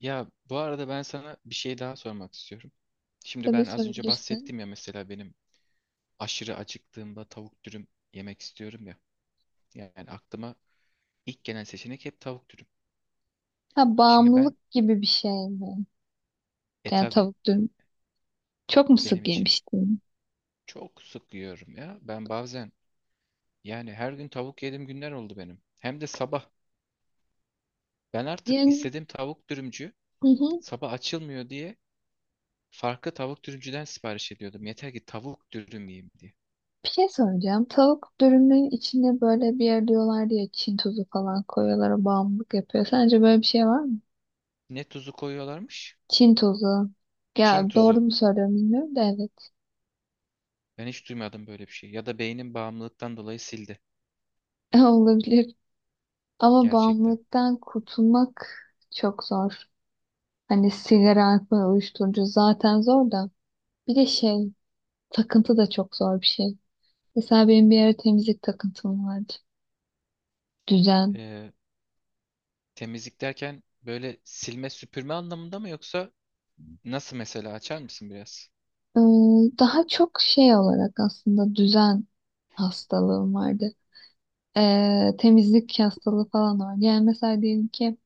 Ya bu arada ben sana bir şey daha sormak istiyorum. Şimdi Tabii ben az önce sorabilirsin. bahsettim ya, mesela benim aşırı acıktığımda tavuk dürüm yemek istiyorum ya. Yani aklıma ilk gelen seçenek hep tavuk dürüm. Ha, Şimdi ben bağımlılık gibi bir şey mi? Yani tabi tavuk dürüm. Çok mu benim sık için yemiştin? çok sık yiyorum ya. Ben bazen yani her gün tavuk yediğim günler oldu benim. Hem de sabah. Ben artık Yani, istediğim tavuk dürümcü hı hı. sabah açılmıyor diye farklı tavuk dürümcüden sipariş ediyordum. Yeter ki tavuk dürüm yiyeyim diye. Bir şey soracağım. Tavuk dürümün içine böyle bir yer diyorlar diye Çin tuzu falan koyuyorlar. O bağımlılık yapıyor. Sence böyle bir şey var mı? Ne tuzu koyuyorlarmış? Çin tuzu. Çin Ya doğru tuzu. mu söylüyorum bilmiyorum da evet. Ben hiç duymadım böyle bir şey. Ya da beynim bağımlılıktan dolayı sildi Olabilir. Ama gerçekten. bağımlılıktan kurtulmak çok zor. Hani sigara, alkol, uyuşturucu zaten zor da. Bir de şey, takıntı da çok zor bir şey. Mesela benim bir ara temizlik takıntım vardı. Düzen. Ee, Temizlik derken böyle silme süpürme anlamında mı, yoksa nasıl, mesela açar mısın biraz? Ee, Daha çok şey olarak aslında düzen hastalığım vardı. Temizlik hastalığı falan var. Yani mesela diyelim ki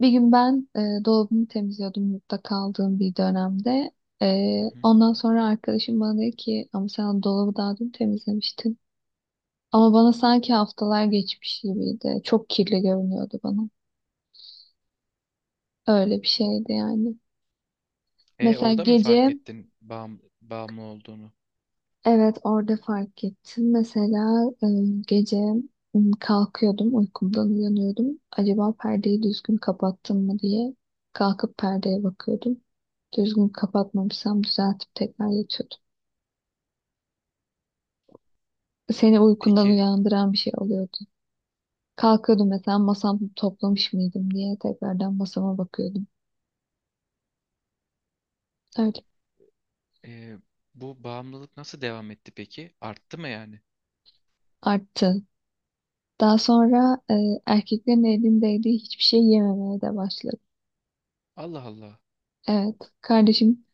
bir gün ben dolabımı temizliyordum yurtta kaldığım bir dönemde. Hı hı. Ondan sonra arkadaşım bana dedi ki ama sen dolabı daha dün temizlemiştin. Ama bana sanki haftalar geçmiş gibiydi. Çok kirli görünüyordu bana. Öyle bir şeydi yani. E Mesela orada mı fark gece. ettin bağımlı olduğunu? Evet, orada fark ettim. Mesela gece kalkıyordum uykumdan uyanıyordum. Acaba perdeyi düzgün kapattım mı diye kalkıp perdeye bakıyordum. Düzgün kapatmamışsam düzeltip tekrar yatıyordum. Seni uykundan Peki uyandıran bir şey oluyordu. Kalkıyordum mesela masamı toplamış mıydım diye tekrardan masama bakıyordum. Öyle. e, bu bağımlılık nasıl devam etti peki? Arttı mı yani? Arttı. Daha sonra erkeklerin elindeydiği hiçbir şey yememeye de başladım. Allah Allah. Evet kardeşim.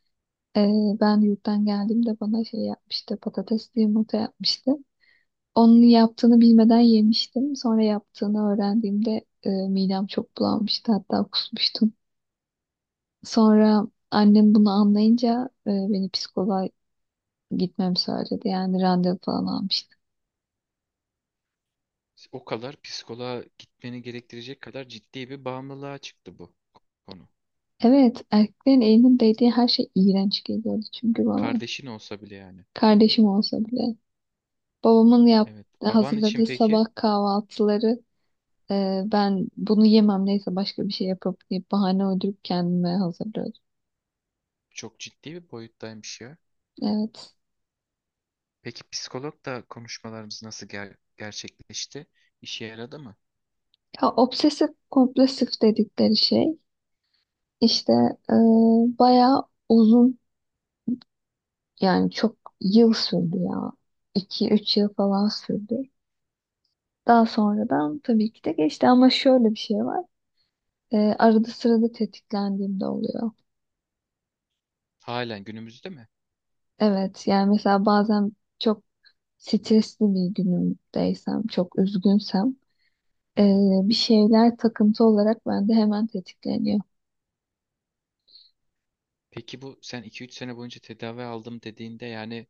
Ben yurttan geldiğimde bana şey yapmıştı, patatesli yumurta yapmıştı. Onun yaptığını bilmeden yemiştim. Sonra yaptığını öğrendiğimde midem çok bulanmıştı, hatta kusmuştum. Sonra annem bunu anlayınca beni psikoloğa gitmemi söyledi. Yani randevu falan almıştı. O kadar psikoloğa gitmeni gerektirecek kadar ciddi bir bağımlılığa çıktı bu konu. Evet, erkeklerin elinin değdiği her şey iğrenç geliyordu çünkü bana. Kardeşin olsa bile yani. Kardeşim olsa bile. Babamın Evet. Baban için hazırladığı peki sabah kahvaltıları. Ben bunu yemem neyse başka bir şey yapıp deyip bahane uydurup kendime hazırlıyordum. çok ciddi bir boyuttaymış ya. Evet. Peki psikologla konuşmalarımız nasıl gerçekleşti? İşe yaradı mı? Ya, obsesif kompulsif dedikleri şey işte e, bayağı uzun, yani çok yıl sürdü ya. İki üç yıl falan sürdü. Daha sonradan tabii ki de geçti ama şöyle bir şey var. Arada sırada tetiklendiğimde oluyor. Halen günümüzde mi? Evet yani mesela bazen çok stresli bir günümdeysem, çok üzgünsem, Hı Ee, hı. bir şeyler takıntı olarak bende hemen tetikleniyor. Peki bu sen 2-3 sene boyunca tedavi aldım dediğinde yani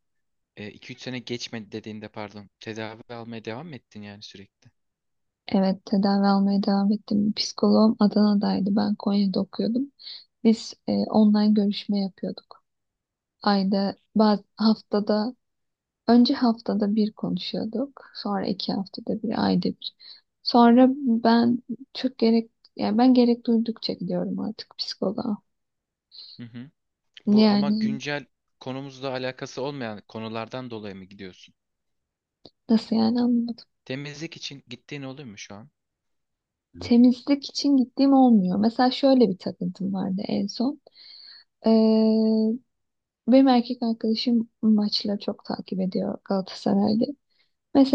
2-3 sene geçmedi dediğinde, pardon, tedavi almaya devam mı ettin yani sürekli? Evet, tedavi almaya devam ettim. Psikoloğum Adana'daydı. Ben Konya'da okuyordum. Biz online görüşme yapıyorduk. Ayda, baz haftada, önce haftada bir konuşuyorduk. Sonra iki haftada bir, ayda bir. Sonra ben çok gerek, yani ben gerek duydukça gidiyorum artık psikoloğa. Hı hı. Bu ama Yani güncel konumuzla alakası olmayan konulardan dolayı mı gidiyorsun? nasıl yani anlamadım. Temizlik için gittiğin oluyor mu şu an? Temizlik için gittiğim olmuyor. Mesela şöyle bir takıntım vardı en son. Benim erkek arkadaşım maçları çok takip ediyor Galatasaray'da.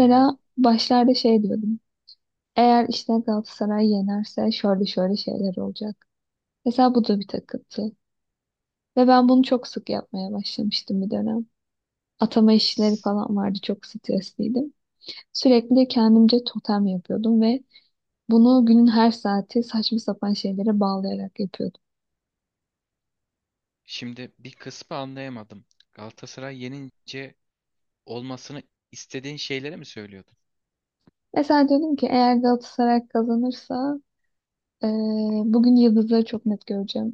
Hı başlarda şey diyordum. Eğer işte Galatasaray yenerse şöyle şöyle şeyler olacak. Mesela bu da bir takıntı. Ve ben bunu çok sık yapmaya başlamıştım bir dönem. Atama işleri hı. falan vardı. Çok stresliydim. Sürekli kendimce totem yapıyordum ve bunu günün her saati saçma sapan şeylere bağlayarak yapıyordum. Şimdi bir kısmı anlayamadım. Galatasaray yenince olmasını istediğin şeyleri mi söylüyordun? Mesela diyordum ki eğer Galatasaray kazanırsa bugün yıldızları çok net göreceğim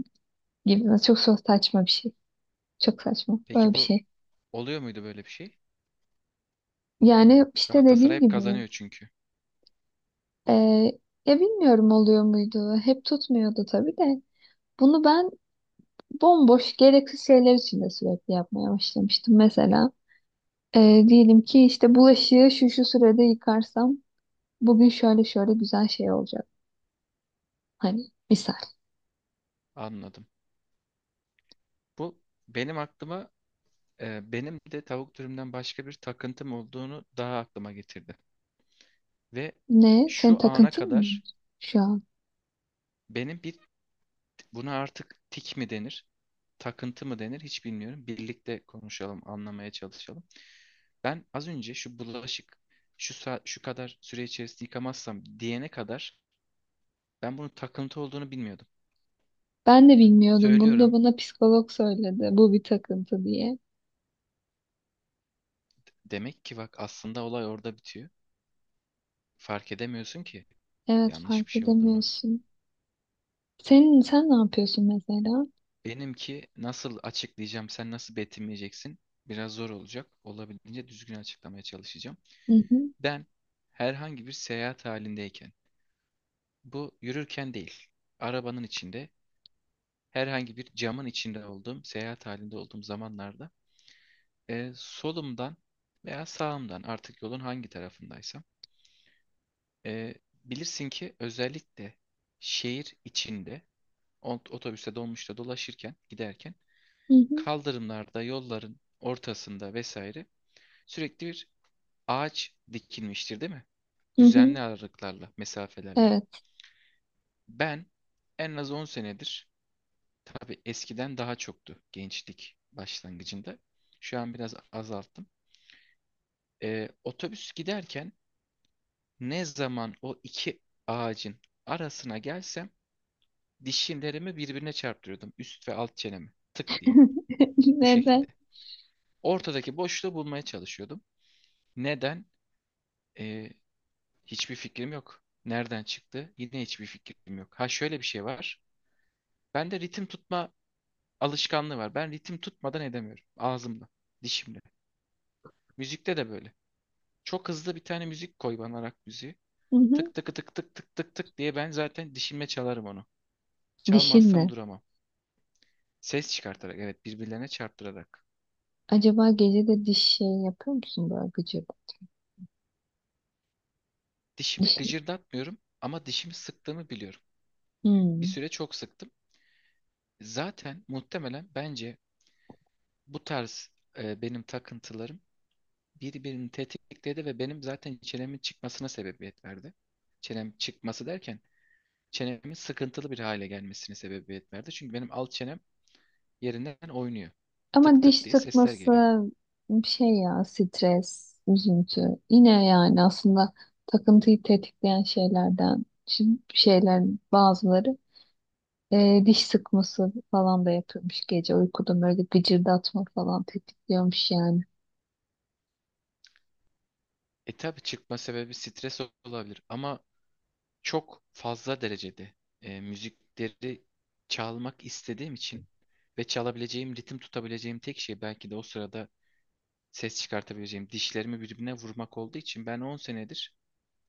gibi. Çok saçma bir şey. Çok saçma. Peki Böyle bir bu şey. oluyor muydu böyle bir şey? Yani işte Galatasaray dediğim hep gibi kazanıyor çünkü. e, ya bilmiyorum, oluyor muydu? Hep tutmuyordu tabii de. Bunu ben bomboş gereksiz şeyler için de sürekli yapmaya başlamıştım. Mesela diyelim ki işte bulaşığı şu şu sürede yıkarsam bugün şöyle şöyle güzel şey olacak. Hani misal. Anladım. Bu benim aklıma benim de tavuk dürümden başka bir takıntım olduğunu daha aklıma getirdi. Ve Ne? Senin şu ana takıntın mı kadar şu an? benim bir, buna artık tik mi denir, takıntı mı denir hiç bilmiyorum. Birlikte konuşalım, anlamaya çalışalım. Ben az önce şu bulaşık şu şu kadar süre içerisinde yıkamazsam diyene kadar ben bunun takıntı olduğunu bilmiyordum. Ben de bilmiyordum. Bunu da Söylüyorum. bana psikolog söyledi. Bu bir takıntı diye. Demek ki bak, aslında olay orada bitiyor. Fark edemiyorsun ki Evet, yanlış bir fark şey olduğunu. edemiyorsun. Senin sen ne yapıyorsun mesela? Benimki nasıl açıklayacağım, sen nasıl betimleyeceksin? Biraz zor olacak. Olabildiğince düzgün açıklamaya çalışacağım. Hı hı Ben herhangi bir seyahat halindeyken, bu yürürken değil, arabanın içinde, herhangi bir camın içinde olduğum, seyahat halinde olduğum zamanlarda solumdan veya sağımdan, artık yolun hangi tarafındaysam, e, bilirsin ki özellikle şehir içinde otobüste, dolmuşta dolaşırken, giderken hı hı kaldırımlarda, yolların ortasında vesaire sürekli bir ağaç dikilmiştir, değil mi? hı hı. Düzenli aralıklarla, mesafelerle. Evet. Ben en az 10 senedir, tabii eskiden daha çoktu, gençlik başlangıcında. Şu an biraz azalttım. E, otobüs giderken ne zaman o iki ağacın arasına gelsem dişlerimi birbirine çarptırıyordum. Üst ve alt çenemi. Tık diye. Bu şekilde. Neden? Ortadaki boşluğu bulmaya çalışıyordum. Neden? Ee, hiçbir fikrim yok. Nereden çıktı? Yine hiçbir fikrim yok. Ha, şöyle bir şey var. Bende ritim tutma alışkanlığı var. Ben ritim tutmadan edemiyorum. Ağzımla, dişimle. Müzikte de böyle. Çok hızlı bir tane müzik koy bana, rock müziği. Hı hı. Tık tık tık tık tık tık tık diye ben zaten dişimle çalarım onu. Çalmazsam Dişinle. duramam. Ses çıkartarak, evet, birbirlerine çarptırarak. Acaba gece de diş şey yapıyor musun, böyle gıcır? Dişimi Diş. gıcırdatmıyorum ama dişimi sıktığımı biliyorum. Bir Hmm. süre çok sıktım. Zaten muhtemelen bence bu tarz benim takıntılarım birbirini tetikledi ve benim zaten çenemin çıkmasına sebebiyet verdi. Çenem çıkması derken çenemin sıkıntılı bir hale gelmesine sebebiyet verdi. Çünkü benim alt çenem yerinden oynuyor. Ama Tık tık diş diye sesler sıkması geliyor. bir şey ya, stres, üzüntü. Yine yani aslında takıntıyı tetikleyen şeylerden şimdi, şeyler, bazıları diş sıkması falan da yapıyormuş, gece uykuda böyle gıcırdatma falan tetikliyormuş yani. E tabii çıkma sebebi stres olabilir ama çok fazla derecede müzikleri çalmak istediğim için ve çalabileceğim, ritim tutabileceğim tek şey belki de o sırada ses çıkartabileceğim dişlerimi birbirine vurmak olduğu için ben 10 senedir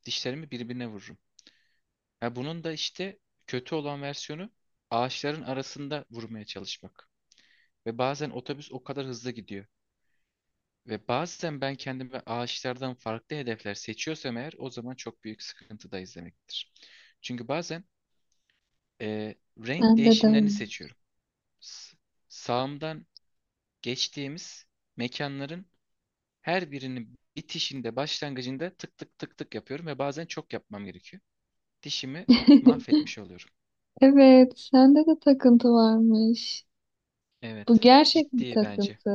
dişlerimi birbirine vururum. Ha, bunun da işte kötü olan versiyonu ağaçların arasında vurmaya çalışmak. Ve bazen otobüs o kadar hızlı gidiyor. Ve bazen ben kendime ağaçlardan farklı hedefler seçiyorsam eğer, o zaman çok büyük sıkıntıdayız demektir. Çünkü bazen Ee, renk Bende de öyle. değişimlerini seçiyorum. S- Sağımdan geçtiğimiz mekanların her birinin bitişinde, başlangıcında tık tık tık tık yapıyorum ve bazen çok yapmam gerekiyor. Dişimi mahvetmiş oluyorum. Evet, sende de takıntı varmış. Bu Evet, gerçek bir ciddi bence. takıntı.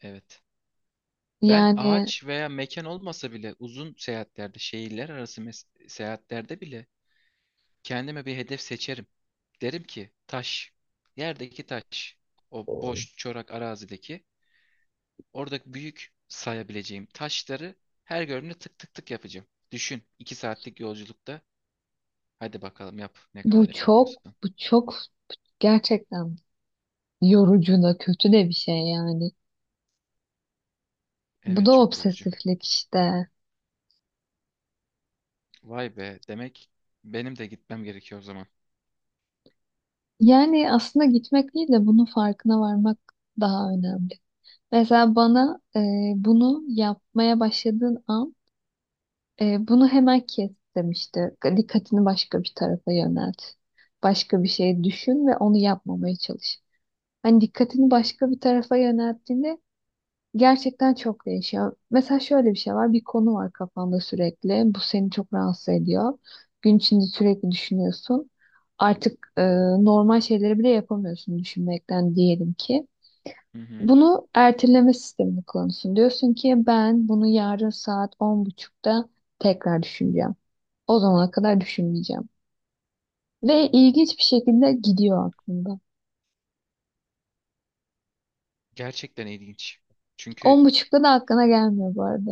Evet. Ben Yani ağaç veya mekan olmasa bile uzun seyahatlerde, şehirler arası seyahatlerde bile kendime bir hedef seçerim. Derim ki taş, yerdeki taş, o boş çorak arazideki, oradaki büyük sayabileceğim taşları her gördüğümde tık tık tık yapacağım. Düşün, 2 saatlik yolculukta. Hadi bakalım yap, ne kadar bu çok, yapıyorsun. bu çok gerçekten yorucu da kötü de bir şey yani. Bu Evet, da çok yorucu. obsesiflik işte. Vay be, demek benim de gitmem gerekiyor o zaman. Yani aslında gitmek değil de bunun farkına varmak daha önemli. Mesela bana bunu yapmaya başladığın an bunu hemen kes demişti. Dikkatini başka bir tarafa yönelt. Başka bir şey düşün ve onu yapmamaya çalış. Hani dikkatini başka bir tarafa yönelttiğinde gerçekten çok değişiyor. Mesela şöyle bir şey var. Bir konu var kafanda sürekli. Bu seni çok rahatsız ediyor. Gün içinde sürekli düşünüyorsun. Artık normal şeyleri bile yapamıyorsun düşünmekten, diyelim ki. Hı hı. Bunu erteleme sistemini kullanıyorsun. Diyorsun ki ben bunu yarın saat 10.30'da tekrar düşüneceğim. O zamana kadar düşünmeyeceğim. Ve ilginç bir şekilde gidiyor aklında. Gerçekten ilginç. On Çünkü buçukta da aklına gelmiyor bu arada.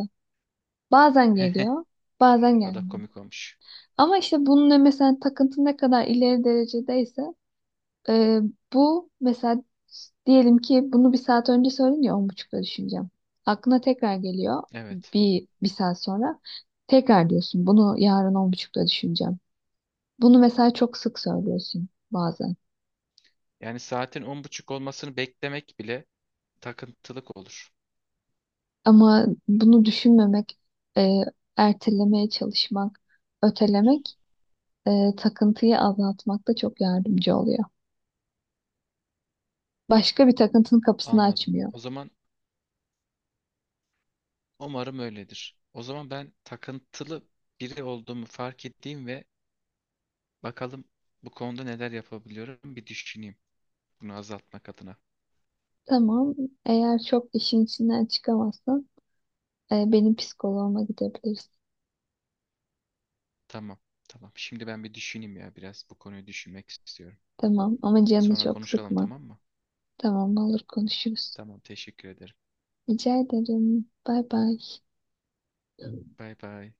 Bazen geliyor, bazen adam gelmiyor. komik olmuş. Ama işte bunun mesela takıntı ne kadar ileri derecedeyse e, bu mesela diyelim ki bunu bir saat önce söyledin ya, 10.30'da düşüneceğim. Aklına tekrar geliyor Evet. bir saat sonra. Tekrar diyorsun bunu yarın 10.30'da düşüneceğim. Bunu mesela çok sık söylüyorsun bazen. Yani saatin 10:30 olmasını beklemek bile takıntılık olur. Ama bunu düşünmemek, e, ertelemeye çalışmak, ötelemek, takıntıyı azaltmakta çok yardımcı oluyor. Başka bir takıntının kapısını Anladım. açmıyor. O zaman umarım öyledir. O zaman ben takıntılı biri olduğumu fark ettiğim ve bakalım bu konuda neler yapabiliyorum bir düşüneyim bunu azaltmak adına. Tamam. Eğer çok işin içinden çıkamazsan benim psikoloğuma gidebilirsin. Tamam, tamam. Şimdi ben bir düşüneyim ya, biraz bu konuyu düşünmek istiyorum. Tamam ama canını Sonra çok konuşalım, sıkma. tamam mı? Tamam, olur, konuşuruz. Tamam, teşekkür ederim. Rica ederim. Bay bay. Bay bay.